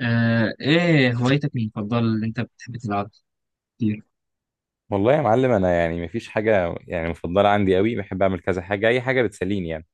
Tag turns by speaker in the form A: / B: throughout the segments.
A: ايه هوايتك المفضلة اللي انت بتحب تلعبها كتير؟
B: والله يا معلم، انا يعني مفيش حاجه يعني مفضله عندي قوي. بحب اعمل كذا حاجه، اي حاجه بتسليني يعني.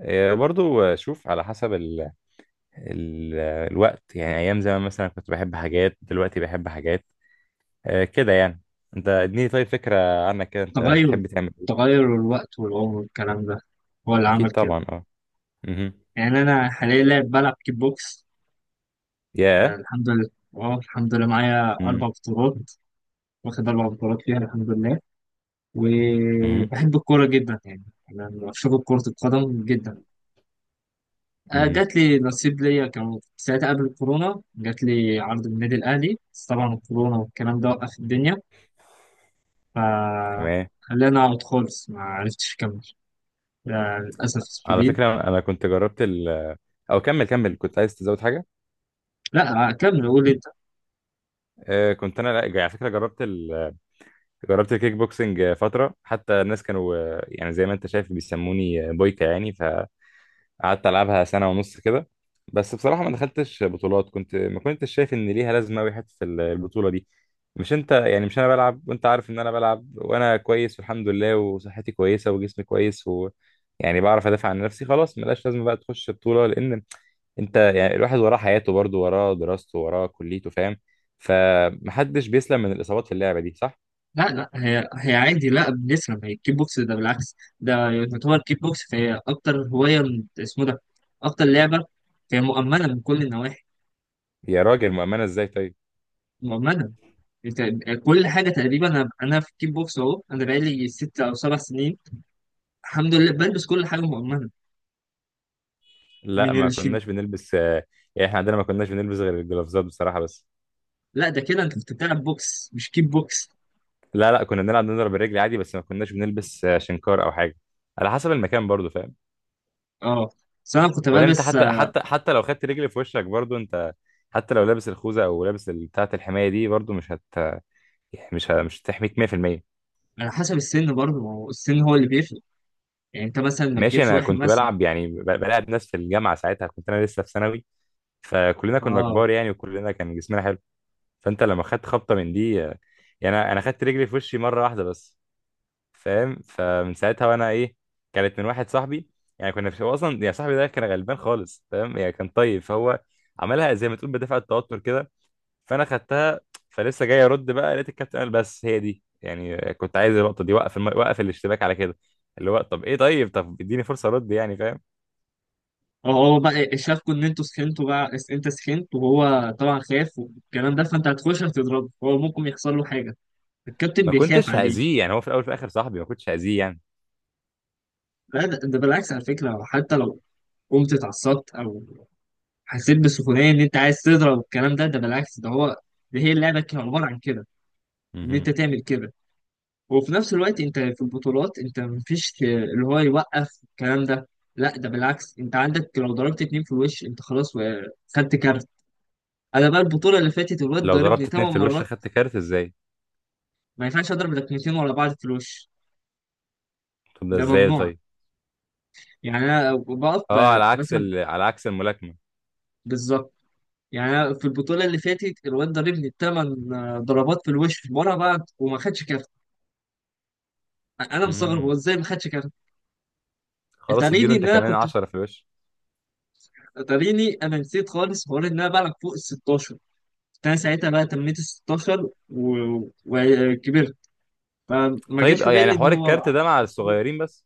B: إيه، برضو شوف على حسب ال ال الوقت. يعني ايام زمان مثلا كنت بحب حاجات، دلوقتي بحب حاجات، إيه، كده يعني. انت اديني طيب فكره عنك، كده انت
A: تغير
B: بتحب تعمل ايه؟
A: تغير الوقت والعمر والكلام ده هو اللي عمل
B: اكيد
A: كده.
B: طبعا، اه. امم.
A: يعني انا حاليا لاعب بلعب كيك بوكس. آه،
B: يا.
A: الحمد لله. اه الحمد لله معايا
B: امم.
A: 4 بطولات، واخد 4 بطولات فيها الحمد لله.
B: امم.
A: وبحب الكورة جدا يعني، انا بشوف كرة القدم جدا.
B: امم.
A: جات لي نصيب ليا، كان ساعتها قبل الكورونا جات لي عرض من النادي الاهلي، بس طبعا الكورونا والكلام ده وقف الدنيا،
B: تمام.
A: فخلينا أقعد خالص ما عرفتش أكمل. لا، للأسف
B: على
A: الشديد.
B: فكره انا كنت جربت او كمل كمل، كنت عايز تزود حاجه.
A: لا كمل قول أنت.
B: إيه، كنت انا، لا على فكره جربت الكيك بوكسنج فترة، حتى الناس كانوا يعني زي ما انت شايف بيسموني بويكا يعني. فقعدت العبها سنة ونص كده. بس بصراحة ما دخلتش بطولات، كنت ما كنتش شايف ان ليها لازمة أوي حتة البطولة دي. مش انت يعني مش انا بلعب، وانت عارف ان انا بلعب وانا كويس والحمد لله، وصحتي كويسة وجسمي كويس، و يعني بعرف ادافع عن نفسي. خلاص، ملاش لازمة بقى تخش بطولة، لان انت يعني الواحد وراه حياته برضه، وراه دراسته وراه كليته، فاهم. فمحدش بيسلم من الإصابات في اللعبة دي، صح؟
A: لا لا، هي عادي، لا بنسلم. هي الكيك بوكس ده بالعكس، ده يعتبر كيك بوكس، فهي أكتر هواية اسمه ده، أكتر لعبة. هي مؤمنة من كل النواحي.
B: يا راجل مؤمنة ازاي طيب؟
A: مؤمنة. أنت كل حاجة تقريبا أنا في الكيك بوكس، أهو أنا بقالي ست أو سبع سنين، الحمد لله بلبس كل حاجة مؤمنة
B: لا،
A: من
B: ما
A: الشيء.
B: كناش بنلبس يعني احنا عندنا ما كناش بنلبس غير الجلافزات بصراحة بس.
A: لا ده كده أنت كنت بتلعب بوكس مش كيك بوكس.
B: لا لا، كنا بنلعب نضرب الرجل عادي، بس ما كناش بنلبس شنكار او حاجة، على حسب المكان برضو، فاهم.
A: أه، بس أنا كنت
B: وبعدين انت،
A: بلبس.
B: حتى لو خدت رجل في وشك برضو انت، حتى لو لابس الخوذة او لابس بتاعة الحماية دي، برضو مش هت يعني مش ه... مش هتحميك 100%.
A: على حسب السن برضه، ما هو السن هو اللي بيفرق، يعني انت مثلا ما
B: ماشي،
A: تجيبش
B: انا
A: واحد
B: كنت
A: مثلا.
B: بلعب يعني بلعب ناس في الجامعة، ساعتها كنت انا لسه في ثانوي، فكلنا كنا
A: اه،
B: كبار يعني وكلنا كان جسمنا حلو. فانت لما خدت خبطه من دي يعني انا، خدت رجلي في وشي مره واحده بس، فاهم، فمن ساعتها وانا ايه. كانت من واحد صاحبي، يعني كنا في، هو اصلا يعني صاحبي ده كان غلبان خالص، فاهم، يعني كان طيب، فهو عملها زي ما تقول بدافع التوتر كده، فانا خدتها. فلسه جاي ارد بقى، لقيت الكابتن قال بس هي دي، يعني كنت عايز اللقطه دي، وقف وقف الاشتباك على كده. اللي هو طب ايه، طيب طب اديني فرصه ارد يعني، فاهم.
A: هو بقى شافكوا ان انتوا سخنتوا بقى انت سخنت، وهو طبعا خاف والكلام ده، فانت هتخش هتضربه هو ممكن يحصل له حاجه. الكابتن
B: ما
A: بيخاف
B: كنتش
A: عليه.
B: هاذيه يعني، هو في الاول في الاخر صاحبي، ما كنتش هاذيه يعني.
A: لا ده بالعكس على فكره، حتى لو قمت اتعصبت او حسيت بسخونيه ان انت عايز تضرب والكلام ده ده بالعكس ده هو، ده هي اللعبه كان عباره عن كده، ان
B: مهم.
A: انت تعمل كده. وفي نفس الوقت انت في البطولات انت مفيش اللي هو يوقف الكلام ده. لا ده بالعكس، انت عندك لو ضربت اتنين في الوش انت خلاص خدت كارت. انا بقى البطوله اللي فاتت الواد
B: لو
A: ضربني
B: ضربت
A: تمن
B: اتنين في الوش
A: مرات.
B: خدت كارت ازاي؟
A: ما ينفعش اضرب لكمتين ورا بعض في الوش،
B: طب ده
A: ده
B: ازاي
A: ممنوع.
B: طيب؟
A: يعني انا بقف
B: اه، على عكس
A: مثلا،
B: على عكس الملاكمة.
A: بالظبط. يعني انا في البطوله اللي فاتت الواد ضربني تمن ضربات في الوش ورا بعض وما خدش كارت. انا مستغرب هو
B: امم.
A: ازاي ما خدش كارت.
B: خلاص، اديله
A: اتاريني
B: انت
A: ان انا
B: كمان
A: كنت
B: 10 في الوش.
A: اتاريني انا نسيت خالص حوار ان انا بلعب فوق ال 16. انا ساعتها بقى تميت ال 16 وكبرت، فما
B: طيب
A: جاش في
B: اه، يعني
A: بالي ان
B: حوار
A: هو
B: الكارت ده مع
A: مظبوط.
B: الصغيرين بس؟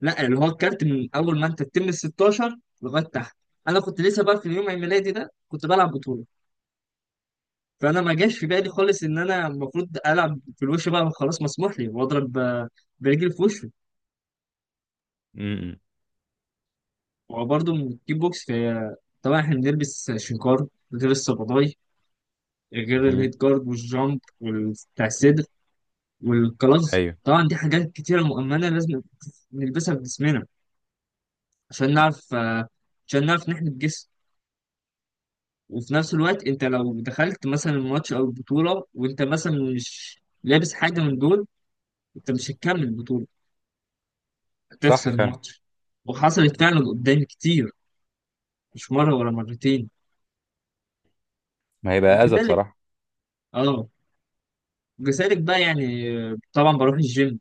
A: لا اللي هو الكارت من اول ما انت تتم ال 16 لغايه تحت. انا كنت لسه بقى في اليوم عيد ميلادي ده كنت بلعب بطوله، فانا ما جاش في بالي خالص ان انا المفروض العب في الوش بقى، خلاص مسموح لي واضرب برجلي في وشه.
B: امم.
A: وبرضه من الكيك بوكس في، طبعا احنا بنلبس شنكار، غير الصباطاي، غير
B: امم.
A: الهيد جارد والجامب بتاع، والكلاز
B: ايوه.
A: طبعا، دي حاجات كتيرة مؤمنة لازم نلبسها في جسمنا عشان نعرف عشان نعرف نحمي الجسم. وفي نفس الوقت انت لو دخلت مثلا الماتش او البطولة وانت مثلا مش لابس حاجة من دول، انت مش هتكمل البطولة،
B: صح
A: هتخسر
B: فعلا.
A: الماتش. وحصلت فعلا قدامي كتير، مش مرة ولا مرتين.
B: ما هيبقى اذى
A: وكذلك،
B: بصراحة.
A: اه، وكذلك بقى يعني طبعا بروح الجيم،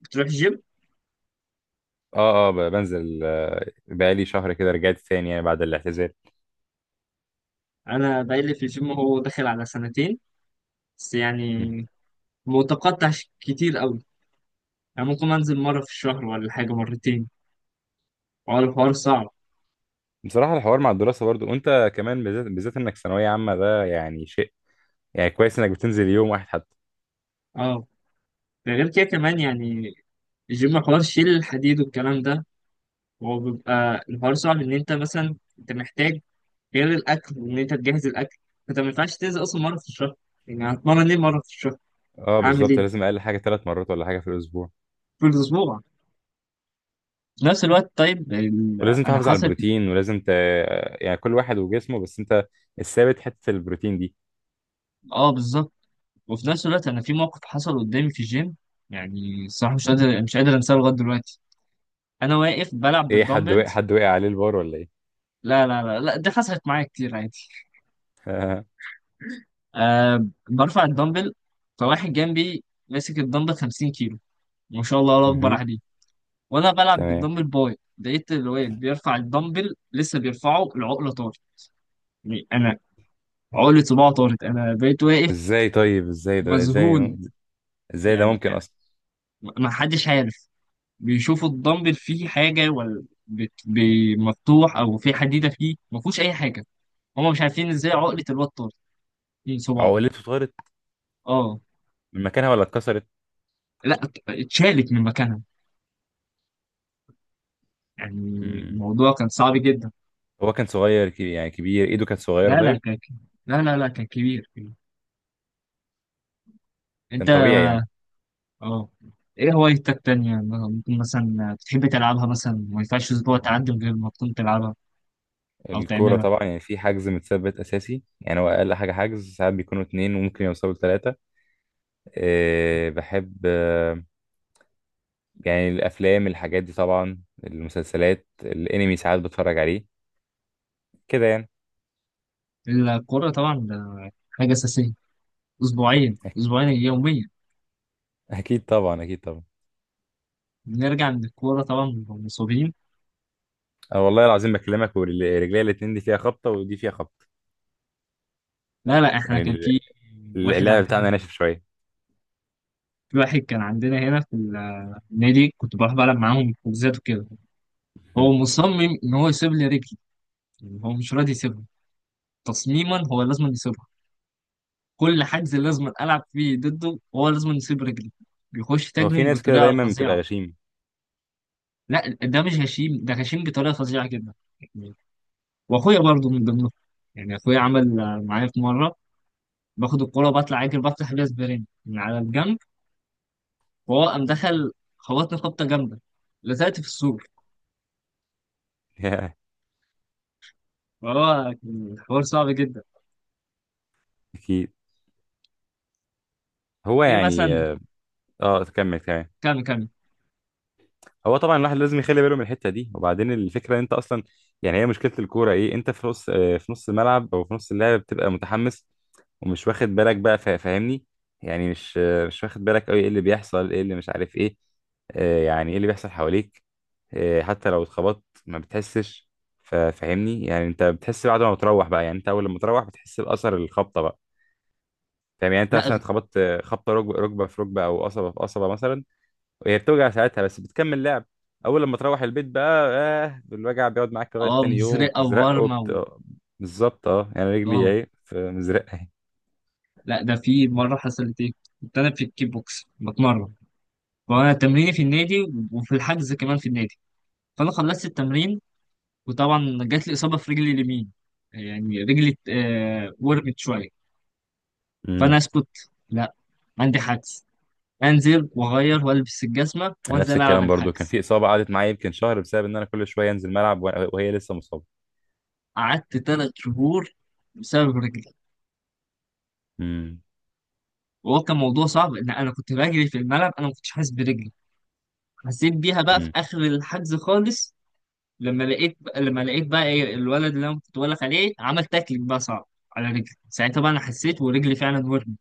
A: بتروح الجيم.
B: اه اه، بنزل بقالي شهر كده، رجعت تاني يعني بعد الاعتزال.
A: انا بقالي في الجيم هو داخل على سنتين، بس يعني
B: مم.
A: متقطع كتير قوي. يعني ممكن انزل مره في الشهر ولا حاجه مرتين، حوار الحوار صعب.
B: بصراحة الحوار مع الدراسة برضو، وانت كمان بالذات، بالذات انك ثانوية عامة، ده يعني شيء. يعني كويس انك بتنزل يوم واحد حتى.
A: اه، ده غير كده كمان، يعني الجيم حوار شيل الحديد والكلام ده هو بيبقى الحوار صعب، ان انت مثلا انت محتاج غير الاكل وان انت تجهز الاكل. فانت ما ينفعش تنزل اصلا مره في الشهر، يعني هتمرن ايه مره في الشهر؟
B: اه
A: اعمل
B: بالظبط،
A: ايه
B: لازم اقل حاجة ثلاث مرات ولا حاجة في الاسبوع.
A: في الاسبوع؟ في نفس الوقت طيب
B: ولازم
A: انا
B: تحافظ على
A: حصل،
B: البروتين، ولازم ت... يعني كل واحد وجسمه، بس انت الثابت حتة البروتين دي.
A: اه بالظبط. وفي نفس الوقت انا في موقف حصل قدامي في الجيم، يعني الصراحه مش قادر مش قادر انساه لغايه دلوقتي. انا واقف بلعب
B: ايه، حد وقع،
A: بالدمبلز،
B: حد وقع عليه البار ولا ايه؟
A: لا لا لا لا، دي حصلت معايا كتير عادي. أه برفع الدمبل، فواحد جنبي ماسك الدمبل 50 كيلو، ما شاء الله الله اكبر
B: مهم.
A: عليه. وانا بلعب
B: تمام.
A: بالدمبل باي لقيت الواد بيرفع الدمبل لسه بيرفعه العقله طارت. يعني انا عقله صباعه طارت، انا بقيت واقف
B: ازاي طيب؟ ازاي ده؟ ازاي؟
A: مذهول.
B: ازاي ده
A: يعني
B: ممكن اصلا؟
A: ما حدش عارف، بيشوفوا الدمبل فيه حاجه ولا مفتوح او في حديده فيه ما فيهوش اي حاجه. هما مش عارفين ازاي عقله الواد طارت من صباعه.
B: عقلته اتطارت
A: اه،
B: من مكانها ولا اتكسرت؟
A: لا اتشالت من مكانها. يعني
B: مم.
A: الموضوع كان صعب جدا.
B: هو كان صغير كبير، يعني كبير ايده كانت صغيرة
A: لا لا
B: طيب؟
A: كان، لا لا لا كان كبير. انت،
B: كان طبيعي يعني.
A: اه. ايه هوايتك تانية ممكن مثلا تحب تلعبها، مثلا ما ينفعش اسبوع تعدي من غير ما تكون تلعبها او
B: الكورة
A: تعملها؟
B: طبعا، يعني في حجز متثبت أساسي، يعني هو أقل حاجة حجز ساعات بيكونوا اتنين وممكن يوصلوا لتلاتة. أه بحب، يعني الافلام الحاجات دي طبعا، المسلسلات، الانمي ساعات بتفرج عليه، كده يعني.
A: الكورة طبعا ده حاجة أساسية، أسبوعين
B: أك-
A: أسبوعين يوميا.
B: اكيد طبعا، اكيد طبعا.
A: بنرجع من الكورة طبعا بنبقى مصابين.
B: أه والله العظيم بكلمك ورجلي الاتنين، دي فيها خبطه ودي فيها خبطه،
A: لا لا، احنا
B: يعني
A: كان في واحد
B: اللعب
A: عن...
B: بتاعنا ناشف شويه.
A: في واحد كان عندنا هنا في النادي كنت بروح بلعب معاهم حجوزات وكده،
B: مم.
A: هو مصمم إن هو يسيب لي رجلي، يعني هو مش راضي يسيبها، تصميما هو لازم يسيبها. كل حجز لازم العب فيه ضده، هو لازم يسيب رجلي، بيخش
B: هو في
A: تاجرينج
B: ناس كده
A: بطريقه
B: دايما بتبقى
A: فظيعه.
B: غشيم.
A: لا ده مش هشيم، ده هشيم بطريقه فظيعه جدا. يعني واخويا برضه من ضمنهم، يعني اخويا عمل معايا في مره باخد الكوره بطلع اجري بفتح بيها سبرين من على الجنب، وهو قام دخل خبطني خبطه جامده، لزقت في السور. فهو كان الحوار صعب جدا.
B: اكيد. هو
A: ايه
B: يعني
A: مثلا؟
B: اه، تكمل كمان.
A: كام كام.
B: هو طبعا الواحد لازم يخلي باله من الحته دي، وبعدين الفكره ان انت اصلا، يعني هي مشكله الكوره ايه، انت في نص في نص الملعب او في نص اللعب بتبقى متحمس، ومش واخد بالك بقى، فاهمني. يعني مش مش واخد بالك قوي ايه اللي بيحصل، ايه اللي مش عارف ايه، يعني ايه اللي بيحصل حواليك، حتى لو اتخبطت ما بتحسش، فاهمني. يعني انت بتحس بعد ما بتروح بقى، يعني انت اول لما تروح بتحس باثر الخبطه بقى، فاهم، يعني انت
A: لا،
B: مثلا اتخبطت خبطه ركبه، ركبه في ركبه او قصبه في قصبه مثلا. هي بتوجع ساعتها بس بتكمل لعب. اول لما تروح البيت بقى، آه الوجع بيقعد معاك لغايه
A: اه
B: تاني يوم،
A: مزرقه
B: وبتزرق
A: وورمه
B: وبت... بالظبط اه، يعني رجلي
A: اه.
B: اهي في مزرقه اهي.
A: لا ده في مرة حصلت ايه، كنت انا في الكيك بوكس بتمرن وانا تمريني في النادي وفي الحجز كمان في النادي، فانا خلصت التمرين وطبعا جات لي اصابة في رجلي اليمين، يعني رجلي ورمت شوية. فانا
B: امم.
A: اسكت، لا، عندي حجز، انزل واغير والبس الجزمة وانزل
B: نفس
A: العب
B: الكلام برضو، كان
A: الحجز.
B: في اصابه قعدت معايا يمكن شهر، بسبب ان انا كل شويه انزل ملعب، وهي لسه مصابه.
A: قعدت 3 شهور بسبب رجلي،
B: امم.
A: وهو كان موضوع صعب ان انا كنت بجري في الملعب انا ما كنتش حاسس برجلي، حسيت بيها بقى في
B: امم.
A: اخر الحجز خالص، لما لقيت بقى ايه الولد اللي انا كنت بقولك عليه عمل تاكلينج بقى صعب على رجلي، ساعتها بقى انا حسيت ورجلي فعلا ورمت.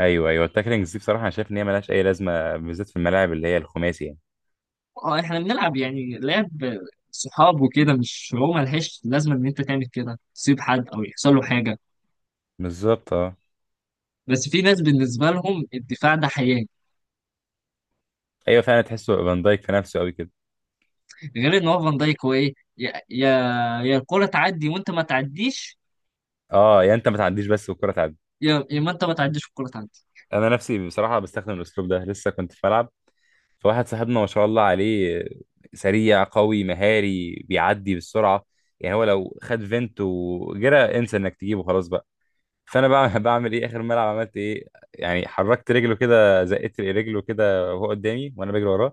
B: ايوه ايوه، التاكلينجز دي بصراحه انا شايف ان هي ملهاش اي لازمه، بالذات في الملاعب اللي هي الخماسي يعني.
A: اه احنا بنلعب يعني لعب صحاب وكده، مش هو ملهاش لازمه ان انت تعمل كده تسيب حد او يحصل له حاجه.
B: بالظبط اه.
A: بس في ناس بالنسبه لهم الدفاع ده حياه.
B: ايوه فعلا، تحسه فان دايك في نفسه قوي كده.
A: غير ان هو فان دايك هو ايه، يا يا الكوره تعدي وانت ما تعديش،
B: اه، يا انت ما تعديش بس والكره تعدي.
A: يا ما انت ما تعديش والكوره تعدي.
B: انا نفسي بصراحه بستخدم الاسلوب ده، لسه كنت في ملعب فواحد صاحبنا ما شاء الله عليه، سريع قوي مهاري بيعدي بالسرعه، يعني هو لو خد فينت وجرى انسى انك تجيبه خلاص بقى. فانا بقى بعمل ايه، اخر ملعب عملت ايه، يعني حركت رجله كده، زقيت رجله كده وهو قدامي وانا بجري وراه،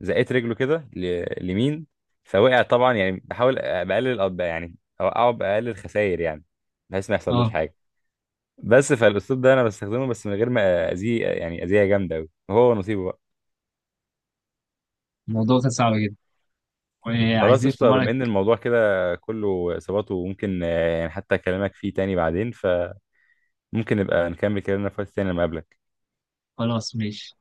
B: زقيت رجله كده لمين، فوقع طبعا. يعني بحاول بقلل يعني اوقعه باقل الخسائر يعني، بحيث ما يحصلوش
A: اه
B: حاجه. بس فالاسلوب ده انا بستخدمه، بس من غير ما اذيه يعني اذيه جامده قوي، هو نصيبه بقى.
A: الموضوع كان صعب جدا،
B: خلاص
A: وعايزين في
B: قشطة، بما
A: مره.
B: ان الموضوع كده كله اصابات وممكن يعني حتى اكلمك فيه تاني بعدين، فممكن نبقى نكمل كلامنا في وقت تاني لما اقابلك.
A: خلاص ماشي.